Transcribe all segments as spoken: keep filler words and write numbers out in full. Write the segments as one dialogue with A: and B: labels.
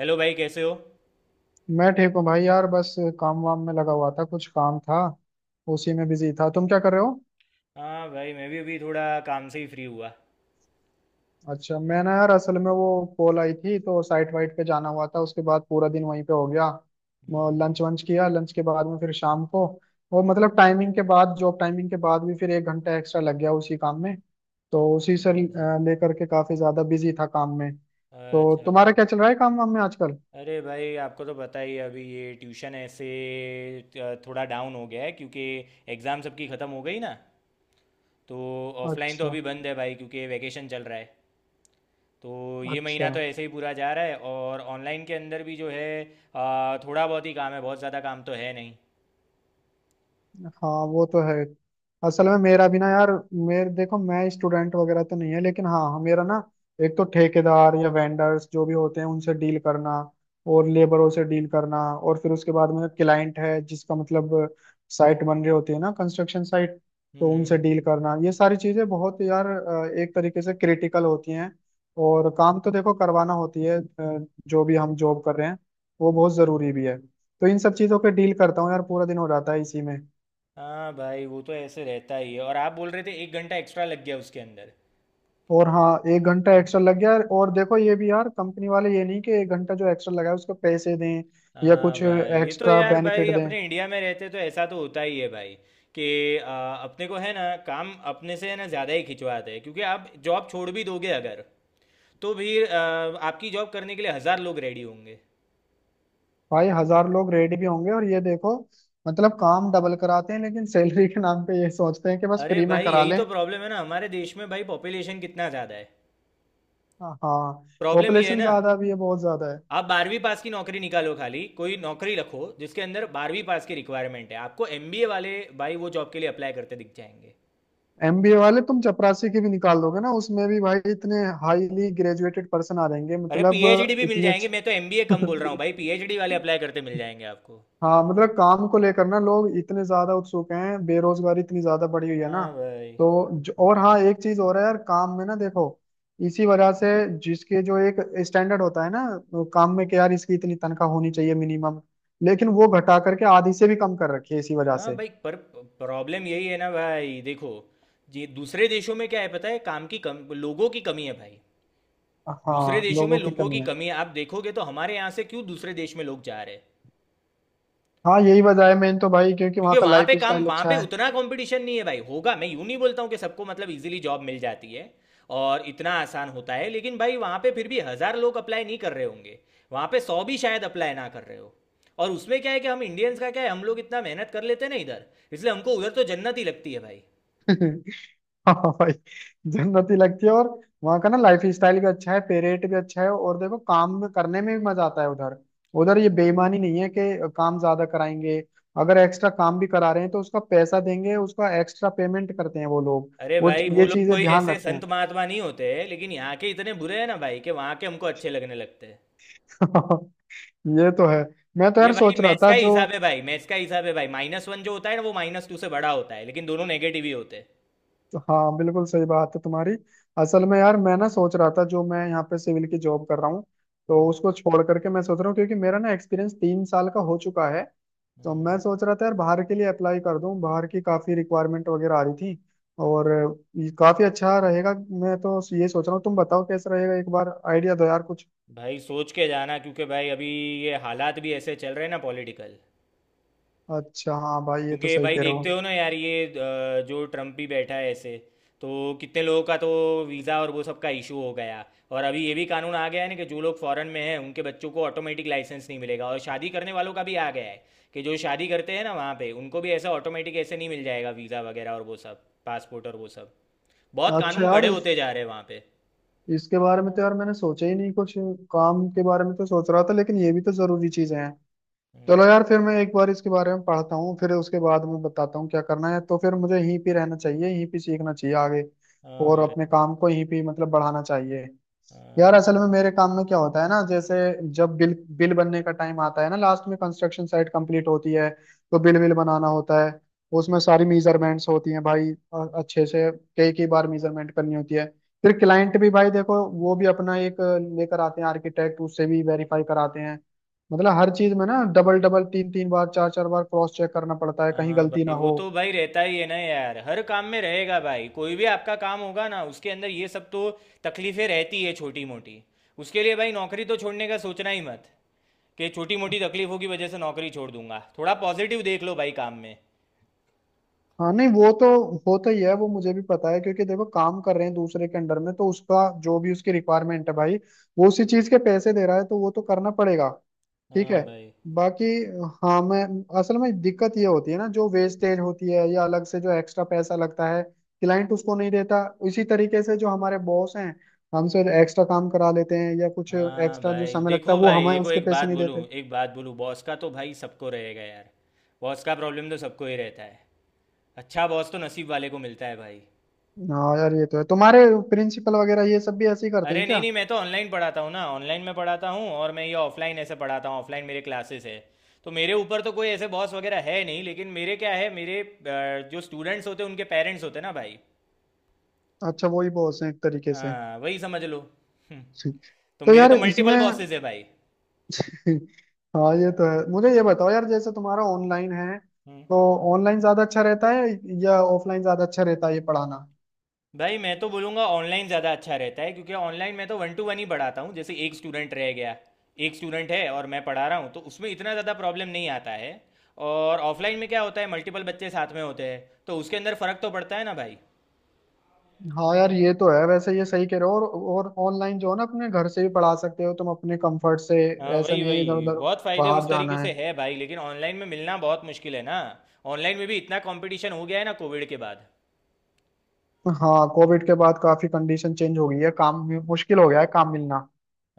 A: Hello भाई, कैसे हो?
B: मैं ठीक हूँ भाई यार। बस काम वाम में लगा हुआ था, कुछ काम था। उसी में बिजी था। तुम क्या कर रहे हो?
A: हाँ भाई, मैं भी अभी थोड़ा काम से ही फ्री हुआ।
B: अच्छा, मैं ना यार असल में वो कॉल आई थी तो साइट वाइट पे जाना हुआ था, उसके बाद पूरा दिन वहीं पे हो गया।
A: हम्म।
B: लंच वंच किया। लंच के बाद में फिर शाम को और मतलब टाइमिंग के बाद, जॉब टाइमिंग के बाद भी फिर एक घंटा एक्स्ट्रा लग गया उसी काम में। तो उसी से अ,
A: अच्छा।
B: लेकर के काफी ज्यादा बिजी था काम में। तो
A: अच्छा
B: तुम्हारा
A: भाई।
B: क्या चल रहा है काम वाम में आजकल?
A: अरे भाई, आपको तो पता ही है अभी ये ट्यूशन ऐसे अ, थोड़ा डाउन हो गया है, क्योंकि एग्ज़ाम सबकी ख़त्म हो गई ना। तो ऑफलाइन तो
B: अच्छा।
A: अभी बंद है भाई, क्योंकि वैकेशन चल रहा है। तो ये महीना
B: अच्छा।
A: तो ऐसे ही पूरा जा रहा है, और ऑनलाइन के अंदर भी जो है अ, थोड़ा बहुत ही काम है, बहुत ज़्यादा काम तो है नहीं।
B: हाँ वो तो है। असल में मेरा भी ना यार, मेरे देखो मैं स्टूडेंट वगैरह तो नहीं है, लेकिन हाँ हाँ, मेरा ना एक तो ठेकेदार या वेंडर्स जो भी होते हैं उनसे डील करना, और लेबरों से डील करना, और फिर उसके बाद में क्लाइंट है जिसका मतलब साइट बन रही होती है ना, कंस्ट्रक्शन साइट। तो
A: हम्म
B: उनसे
A: हम्म।
B: डील करना, ये सारी चीजें बहुत यार अ, एक तरीके से क्रिटिकल होती हैं। और काम तो देखो करवाना होती है, अ, जो भी हम जॉब कर रहे हैं वो बहुत जरूरी भी है, तो इन सब चीजों पे डील करता हूँ यार, पूरा दिन हो जाता है इसी में।
A: हाँ भाई, वो तो ऐसे रहता ही है। और आप बोल रहे थे एक घंटा एक्स्ट्रा लग गया उसके अंदर।
B: और हाँ, एक घंटा एक्स्ट्रा लग गया। और देखो ये भी यार कंपनी वाले, ये नहीं कि एक घंटा जो एक्स्ट्रा लगा है उसको पैसे दें या
A: हाँ
B: कुछ
A: भाई, ये तो
B: एक्स्ट्रा
A: यार भाई
B: बेनिफिट दें।
A: अपने इंडिया में रहते तो ऐसा तो होता ही है भाई, कि आ, अपने को है ना, काम अपने से है ना ज़्यादा ही खिंचवाते हैं, क्योंकि आप जॉब छोड़ भी दोगे अगर, तो फिर आ, आपकी जॉब करने के लिए हज़ार लोग रेडी होंगे।
B: भाई हजार लोग रेडी भी होंगे, और ये देखो मतलब काम डबल कराते हैं लेकिन सैलरी के नाम पे ये सोचते हैं कि बस
A: अरे
B: फ्री में
A: भाई,
B: करा
A: यही
B: लें।
A: तो प्रॉब्लम है ना हमारे देश में भाई, पॉपुलेशन कितना ज़्यादा है।
B: हाँ।
A: प्रॉब्लम ये है
B: पॉपुलेशन
A: ना।
B: ज्यादा भी है, बहुत ज्यादा है।
A: आप बारहवीं पास की नौकरी निकालो, खाली कोई नौकरी रखो जिसके अंदर बारहवीं पास की रिक्वायरमेंट है, आपको एम बी ए वाले भाई वो जॉब के लिए अप्लाई करते दिख जाएंगे।
B: एमबीए वाले तुम चपरासी की भी निकाल दोगे ना, उसमें भी भाई इतने हाईली ग्रेजुएटेड पर्सन आ जाएंगे,
A: अरे
B: मतलब
A: पी एच डी भी मिल
B: इतनी
A: जाएंगे। मैं तो एम बी ए
B: अच्छी
A: कम बोल रहा हूँ भाई, पी एच डी वाले अप्लाई करते मिल जाएंगे आपको।
B: हाँ, मतलब काम को लेकर ना लोग इतने ज्यादा उत्सुक हैं, बेरोजगारी इतनी ज्यादा बढ़ी हुई है ना।
A: हाँ भाई।
B: तो जो, और हाँ एक चीज और है यार, काम में ना देखो इसी वजह से जिसके जो एक स्टैंडर्ड होता है ना, तो काम में कि यार इसकी इतनी तनख्वाह होनी चाहिए मिनिमम, लेकिन वो घटा करके आधी से भी कम कर रखी है इसी वजह
A: हाँ
B: से।
A: भाई, पर प्रॉब्लम यही है ना भाई, देखो जी, दूसरे देशों में क्या है पता है? काम की कम, लोगों की कमी है भाई। दूसरे
B: हाँ
A: देशों में
B: लोगों की
A: लोगों की
B: कमी है।
A: कमी है। आप देखोगे तो हमारे यहाँ से क्यों दूसरे देश में लोग जा रहे हैं।
B: हाँ यही वजह है मेन तो भाई, क्योंकि
A: क्योंकि
B: वहाँ का
A: वहां
B: लाइफ
A: पे काम,
B: स्टाइल
A: वहां पे
B: अच्छा है।
A: उतना कंपटीशन नहीं है भाई। होगा, मैं यूं नहीं बोलता हूँ कि सबको मतलब इजीली जॉब मिल जाती है और इतना आसान होता है, लेकिन भाई वहां पे फिर भी हजार लोग अप्लाई नहीं कर रहे होंगे। वहां पे सौ भी शायद अप्लाई ना कर रहे हो। और उसमें क्या है कि हम इंडियंस का क्या है, हम लोग इतना मेहनत कर लेते हैं ना इधर। इसलिए हमको उधर तो जन्नत ही लगती है भाई।
B: हाँ भाई, जन्नत ही लगती है, और वहाँ का ना लाइफ स्टाइल भी अच्छा है, पे रेट भी अच्छा है, और देखो काम में करने में भी मजा आता है उधर। उधर ये बेईमानी नहीं है कि काम ज्यादा कराएंगे, अगर एक्स्ट्रा काम भी करा रहे हैं तो उसका पैसा देंगे, उसका एक्स्ट्रा पेमेंट करते हैं वो लोग।
A: अरे
B: वो
A: भाई, वो
B: ये
A: लोग
B: चीजें
A: कोई
B: ध्यान
A: ऐसे
B: रखते
A: संत
B: हैं।
A: महात्मा नहीं होते हैं, लेकिन यहाँ के इतने बुरे हैं ना भाई, कि वहाँ के हमको अच्छे लगने लगते हैं।
B: ये तो है। मैं तो
A: ये
B: यार
A: भाई
B: सोच रहा
A: मैथ्स
B: था,
A: का ही
B: जो
A: हिसाब है भाई, मैथ्स का हिसाब है भाई। माइनस वन जो होता है ना, वो माइनस टू से बड़ा होता है, लेकिन दोनों नेगेटिव ही होते हैं।
B: तो हाँ बिल्कुल सही बात है तुम्हारी। असल में यार मैं ना सोच रहा था, जो मैं यहाँ पे सिविल की जॉब कर रहा हूँ
A: हम्म।
B: तो उसको छोड़ करके मैं सोच रहा हूँ, क्योंकि मेरा ना एक्सपीरियंस तीन साल का हो चुका है। तो मैं सोच रहा था यार बाहर के लिए अप्लाई कर दूं, बाहर की काफी रिक्वायरमेंट वगैरह आ रही थी, और ये काफी अच्छा रहेगा। मैं तो ये सोच रहा हूँ, तुम बताओ कैसा रहेगा, एक बार आइडिया दो यार कुछ।
A: भाई सोच के जाना, क्योंकि भाई अभी ये हालात भी ऐसे चल रहे हैं ना, पॉलिटिकल।
B: अच्छा। हाँ भाई ये तो
A: क्योंकि
B: सही
A: भाई
B: कह रहे
A: देखते
B: हो।
A: हो ना यार ये अ, जो ट्रम्प भी बैठा है ऐसे, तो कितने लोगों का तो वीज़ा और वो सब का इशू हो गया। और अभी ये भी कानून आ गया है ना कि जो लोग फॉरेन में हैं, उनके बच्चों को ऑटोमेटिक लाइसेंस नहीं मिलेगा, और शादी करने वालों का भी आ गया है। कि जो शादी करते हैं ना वहाँ पे, उनको भी ऐसा ऑटोमेटिक ऐसे नहीं मिल जाएगा वीज़ा वगैरह और वो सब, पासपोर्ट और वो सब। बहुत
B: अच्छा
A: कानून
B: यार
A: कड़े
B: इस,
A: होते जा रहे हैं वहाँ पे।
B: इसके बारे में तो यार मैंने सोचा ही नहीं कुछ। काम के बारे में तो सोच रहा था, लेकिन ये भी तो जरूरी चीजें हैं।
A: हम्म।
B: चलो यार, फिर मैं एक बार इसके बारे में पढ़ता हूँ, फिर उसके बाद मैं बताता हूँ क्या करना है। तो फिर मुझे यहीं पे रहना चाहिए, यहीं पे सीखना चाहिए आगे,
A: हाँ
B: और
A: भाई।
B: अपने काम को यहीं पे मतलब बढ़ाना चाहिए।
A: हाँ
B: यार असल में
A: भाई।
B: मेरे काम में क्या होता है ना, जैसे जब बिल बिल बनने का टाइम आता है ना, लास्ट में कंस्ट्रक्शन साइट कंप्लीट होती है तो बिल बिल बनाना होता है। उसमें सारी मेजरमेंट्स होती हैं भाई, और अच्छे से कई कई बार मेजरमेंट करनी होती है। फिर क्लाइंट भी भाई देखो वो भी अपना एक लेकर आते हैं आर्किटेक्ट, उससे भी वेरीफाई कराते हैं। मतलब हर चीज में ना डबल डबल, तीन तीन बार, चार चार बार क्रॉस चेक करना पड़ता है कहीं
A: हाँ
B: गलती ना
A: भाई, वो
B: हो।
A: तो भाई रहता ही है ना यार। हर काम में रहेगा भाई, कोई भी आपका काम होगा ना, उसके अंदर ये सब तो तकलीफें रहती है छोटी मोटी। उसके लिए भाई नौकरी तो छोड़ने का सोचना ही मत, कि छोटी मोटी तकलीफों की वजह से नौकरी छोड़ दूंगा। थोड़ा पॉजिटिव देख लो भाई काम में।
B: हाँ नहीं, वो तो होता ही है, वो मुझे भी पता है, क्योंकि देखो काम कर रहे हैं दूसरे के अंडर में, तो उसका जो भी उसकी रिक्वायरमेंट है भाई वो उसी चीज के पैसे दे रहा है, तो वो तो करना पड़ेगा। ठीक
A: हाँ
B: है।
A: भाई।
B: बाकी हाँ, मैं असल में दिक्कत ये होती है ना, जो वेस्टेज होती है या अलग से जो एक्स्ट्रा पैसा लगता है क्लाइंट उसको नहीं देता, इसी तरीके से जो हमारे बॉस हैं हमसे एक्स्ट्रा काम करा लेते हैं या कुछ
A: हाँ
B: एक्स्ट्रा जो
A: भाई,
B: समय लगता है
A: देखो
B: वो
A: भाई
B: हमें
A: देखो,
B: उसके
A: एक
B: पैसे
A: बात
B: नहीं
A: बोलूँ,
B: देते।
A: एक बात बोलूँ, बॉस का तो भाई सबको रहेगा यार। बॉस का प्रॉब्लम तो सबको ही रहता है। अच्छा बॉस तो नसीब वाले को मिलता है भाई।
B: हाँ यार ये तो है। तुम्हारे प्रिंसिपल वगैरह ये सब भी ऐसे ही करते
A: अरे
B: हैं
A: नहीं
B: क्या?
A: नहीं, मैं तो ऑनलाइन पढ़ाता हूँ ना, ऑनलाइन में पढ़ाता हूँ। और मैं ये ऑफलाइन ऐसे पढ़ाता हूँ, ऑफलाइन मेरे क्लासेस है। तो मेरे ऊपर तो कोई ऐसे बॉस वगैरह है नहीं, लेकिन मेरे क्या है, मेरे अ, जो स्टूडेंट्स होते हैं उनके पेरेंट्स होते हैं ना भाई।
B: अच्छा, वही बॉस है एक तरीके से।
A: हाँ वही समझ लो। हम्म। तो
B: तो
A: मेरे
B: यार
A: तो
B: इसमें
A: मल्टीपल बॉसेस है भाई।
B: हाँ ये तो है। मुझे ये बताओ यार, जैसे तुम्हारा ऑनलाइन है,
A: हम्म।
B: तो ऑनलाइन ज्यादा अच्छा रहता है या ऑफलाइन ज्यादा अच्छा रहता है ये पढ़ाना?
A: भाई, मैं तो बोलूँगा ऑनलाइन ज़्यादा अच्छा रहता है, क्योंकि ऑनलाइन मैं तो वन टू वन ही पढ़ाता हूँ, जैसे एक स्टूडेंट रह गया, एक स्टूडेंट है और मैं पढ़ा रहा हूँ, तो उसमें इतना ज़्यादा प्रॉब्लम नहीं आता है। और ऑफलाइन में क्या होता है, मल्टीपल बच्चे साथ में होते हैं, तो उसके अंदर फ़र्क तो पड़ता है ना भाई।
B: हाँ यार ये तो है, वैसे ये सही कह रहे हो। और और ऑनलाइन जो है ना अपने घर से भी पढ़ा सकते हो तुम अपने कंफर्ट से।
A: हाँ,
B: ऐसा
A: वही
B: नहीं है इधर
A: वही
B: उधर
A: बहुत फ़ायदे
B: बाहर
A: उस तरीके
B: जाना है।
A: से है भाई, लेकिन ऑनलाइन में मिलना बहुत मुश्किल है ना। ऑनलाइन में भी इतना कंपटीशन हो गया है ना कोविड के बाद।
B: हाँ, कोविड के बाद काफी कंडीशन चेंज हो गई है, काम भी मुश्किल हो गया है, काम मिलना।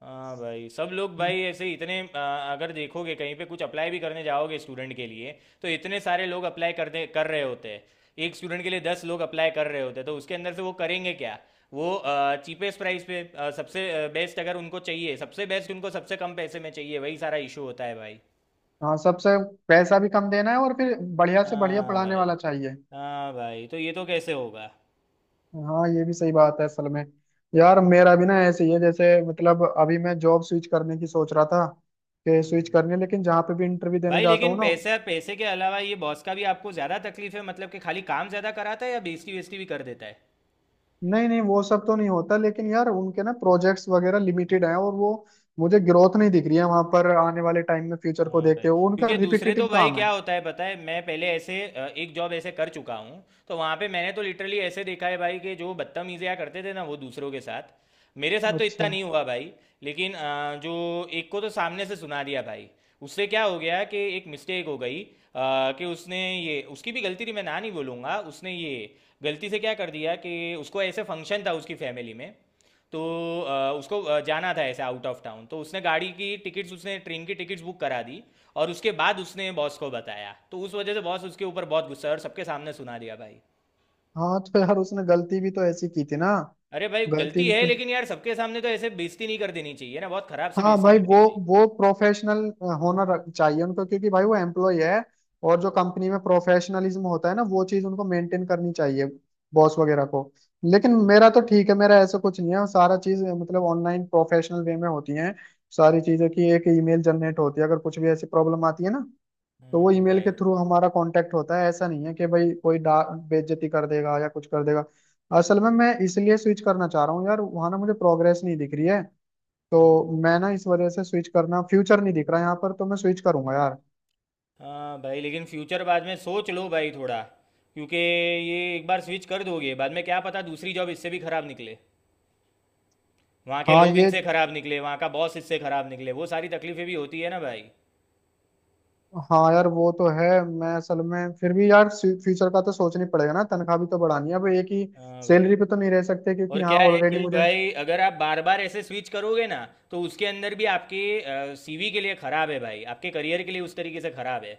A: हाँ भाई, सब लोग भाई ऐसे ही इतने आ, अगर देखोगे कहीं पे कुछ अप्लाई भी करने जाओगे स्टूडेंट के लिए, तो इतने सारे लोग अप्लाई कर दे कर रहे होते हैं। एक स्टूडेंट के लिए दस लोग अप्लाई कर रहे होते हैं, तो उसके अंदर से वो करेंगे क्या? वो चीपेस्ट प्राइस पे आ, सबसे बेस्ट अगर उनको चाहिए, सबसे बेस्ट उनको सबसे कम पैसे में चाहिए, वही सारा इशू होता है भाई।
B: हाँ, सबसे पैसा भी कम देना है और फिर बढ़िया से बढ़िया
A: हाँ
B: पढ़ाने
A: भाई।
B: वाला चाहिए।
A: हाँ भाई, तो ये तो कैसे होगा?
B: हाँ, ये भी सही बात है। असल में यार मेरा भी ना ऐसे ही है, जैसे मतलब अभी मैं जॉब स्विच करने की सोच रहा था, कि स्विच करने, लेकिन जहाँ पे भी इंटरव्यू देने
A: भाई,
B: जाता
A: लेकिन
B: हूँ ना।
A: पैसा पैसे के अलावा ये बॉस का भी आपको ज़्यादा तकलीफ है, मतलब कि खाली काम ज़्यादा कराता है, या बेइज्जती वेस्टी भी कर देता है।
B: नहीं नहीं, वो सब तो नहीं होता, लेकिन यार उनके ना प्रोजेक्ट्स वगैरह लिमिटेड हैं और वो मुझे ग्रोथ नहीं दिख रही है वहां पर आने वाले टाइम में, फ्यूचर को
A: हाँ भाई।
B: देखते हुए उनका
A: क्योंकि दूसरे
B: रिपीटेटिव
A: तो भाई
B: काम है।
A: क्या होता है पता है, मैं पहले ऐसे अ, एक जॉब ऐसे कर चुका हूँ, तो वहाँ पे मैंने तो लिटरली ऐसे देखा है भाई, कि जो बदतमीजियाँ करते थे ना वो दूसरों के साथ। मेरे साथ तो इतना
B: अच्छा।
A: नहीं हुआ भाई। लेकिन अ, जो एक को तो सामने से सुना दिया भाई। उससे क्या हो गया कि एक मिस्टेक हो गई अ, कि उसने ये, उसकी भी गलती थी मैं ना नहीं बोलूँगा, उसने ये गलती से क्या कर दिया कि उसको ऐसे फंक्शन था उसकी फैमिली में। तो अ, उसको अ, जाना था ऐसे आउट ऑफ टाउन, तो उसने गाड़ी की टिकट्स उसने ट्रेन की टिकट्स बुक करा दी। और उसके बाद उसने बॉस को बताया, तो उस वजह से बॉस उसके ऊपर बहुत गुस्सा है और सबके सामने सुना दिया भाई।
B: हाँ तो यार उसने गलती भी तो ऐसी की थी ना,
A: अरे भाई
B: गलती
A: गलती
B: भी
A: है,
B: तो।
A: लेकिन यार सबके सामने तो ऐसे बेइज्जती नहीं कर देनी चाहिए ना, बहुत खराब से
B: हाँ
A: बेइज्जती
B: भाई,
A: कर
B: वो
A: दी भाई।
B: वो प्रोफेशनल होना रख- चाहिए उनको, क्योंकि भाई वो एम्प्लॉय है, और जो कंपनी में प्रोफेशनलिज्म होता है ना वो चीज उनको मेंटेन करनी चाहिए, बॉस वगैरह को। लेकिन मेरा तो
A: हाँ।
B: ठीक है, मेरा ऐसा कुछ नहीं है, सारा चीज मतलब ऑनलाइन प्रोफेशनल वे में होती है सारी चीजें, कि एक ईमेल जनरेट होती है अगर कुछ भी ऐसी प्रॉब्लम आती है ना। तो वो
A: हम्म।
B: ईमेल के
A: भाई।
B: थ्रू हमारा कांटेक्ट होता है, ऐसा नहीं है कि भाई कोई डा बेइज्जती कर देगा या कुछ कर देगा। असल में मैं इसलिए स्विच करना चाह रहा हूँ यार, वहां ना मुझे प्रोग्रेस नहीं दिख रही है, तो
A: हम्म।
B: मैं ना इस वजह से स्विच करना, फ्यूचर नहीं दिख रहा यहाँ पर, तो मैं स्विच करूंगा यार।
A: हाँ भाई, लेकिन फ्यूचर बाद में सोच लो भाई थोड़ा, क्योंकि ये एक बार स्विच कर दोगे, बाद में क्या पता दूसरी जॉब इससे भी खराब निकले, वहाँ के
B: हाँ
A: लोग
B: ये,
A: इनसे खराब निकले, वहाँ का बॉस इससे खराब निकले, वो सारी तकलीफें भी होती है ना भाई।
B: हाँ यार वो तो है। मैं असल में फिर भी यार फ्यूचर का तो सोचना ही पड़ेगा ना, तनख्वाह भी तो बढ़ानी है, अब एक ही
A: हाँ भाई।
B: सैलरी पे तो नहीं रह सकते, क्योंकि
A: और
B: यहाँ
A: क्या है
B: ऑलरेडी
A: कि
B: मुझे
A: भाई अगर आप बार बार ऐसे स्विच करोगे ना, तो उसके अंदर भी आपके सी वी के लिए खराब है भाई, आपके करियर के लिए उस तरीके से खराब है।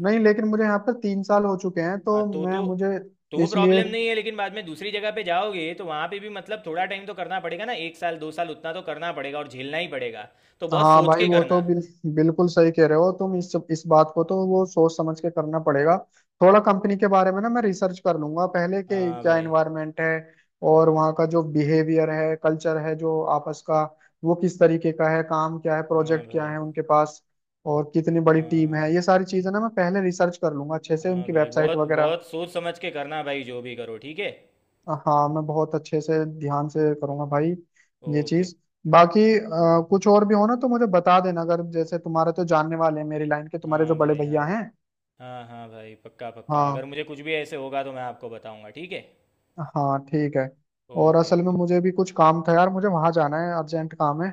B: नहीं। लेकिन मुझे यहाँ पर तीन साल हो चुके हैं, तो
A: हाँ, तो
B: मैं
A: तो
B: मुझे
A: तो
B: इसलिए।
A: प्रॉब्लम नहीं है, लेकिन बाद में दूसरी जगह पे जाओगे तो वहाँ पे भी मतलब थोड़ा टाइम तो करना पड़ेगा ना, एक साल दो साल उतना तो करना पड़ेगा और झेलना ही पड़ेगा। तो बहुत
B: हाँ
A: सोच
B: भाई
A: के
B: वो तो
A: करना।
B: बिल, बिल्कुल सही कह रहे हो तुम, इस इस बात को तो वो सोच समझ के करना पड़ेगा। थोड़ा कंपनी के बारे में ना मैं रिसर्च कर लूंगा पहले, के
A: हाँ
B: क्या
A: भाई।
B: एनवायरनमेंट है और वहाँ का जो बिहेवियर है, कल्चर है, जो आपस का वो किस तरीके का है, काम क्या है,
A: हाँ
B: प्रोजेक्ट क्या
A: भाई।
B: है उनके पास, और कितनी बड़ी टीम
A: हाँ।
B: है, ये सारी चीजें ना मैं पहले रिसर्च कर लूंगा अच्छे से,
A: हाँ
B: उनकी
A: भाई,
B: वेबसाइट
A: बहुत
B: वगैरह।
A: बहुत सोच समझ के करना भाई, जो भी करो, ठीक है।
B: हाँ, मैं बहुत अच्छे से ध्यान से करूंगा भाई। ये
A: ओके।
B: चीज बाकी अ, कुछ और भी हो ना तो मुझे बता देना, अगर जैसे तुम्हारे तो जानने वाले हैं मेरी लाइन के, तुम्हारे जो
A: हाँ
B: बड़े
A: भाई।
B: भैया
A: हाँ
B: हैं।
A: हाँ। हाँ भाई, पक्का पक्का, अगर
B: हाँ।
A: मुझे कुछ भी ऐसे होगा तो मैं आपको बताऊंगा, ठीक है।
B: हाँ ठीक है। और
A: ओके
B: असल में
A: ओके।
B: मुझे भी कुछ काम था यार, मुझे वहां जाना है, अर्जेंट काम है।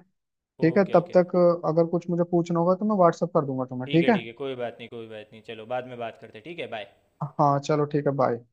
B: ठीक है
A: ओके
B: तब
A: ओके।
B: तक अ, अगर कुछ मुझे पूछना होगा तो मैं व्हाट्सअप कर दूंगा तुम्हें,
A: ठीक है
B: ठीक है।
A: ठीक है, कोई बात नहीं कोई बात नहीं, चलो बाद में बात करते हैं, ठीक है, बाय।
B: हाँ चलो ठीक है, बाय।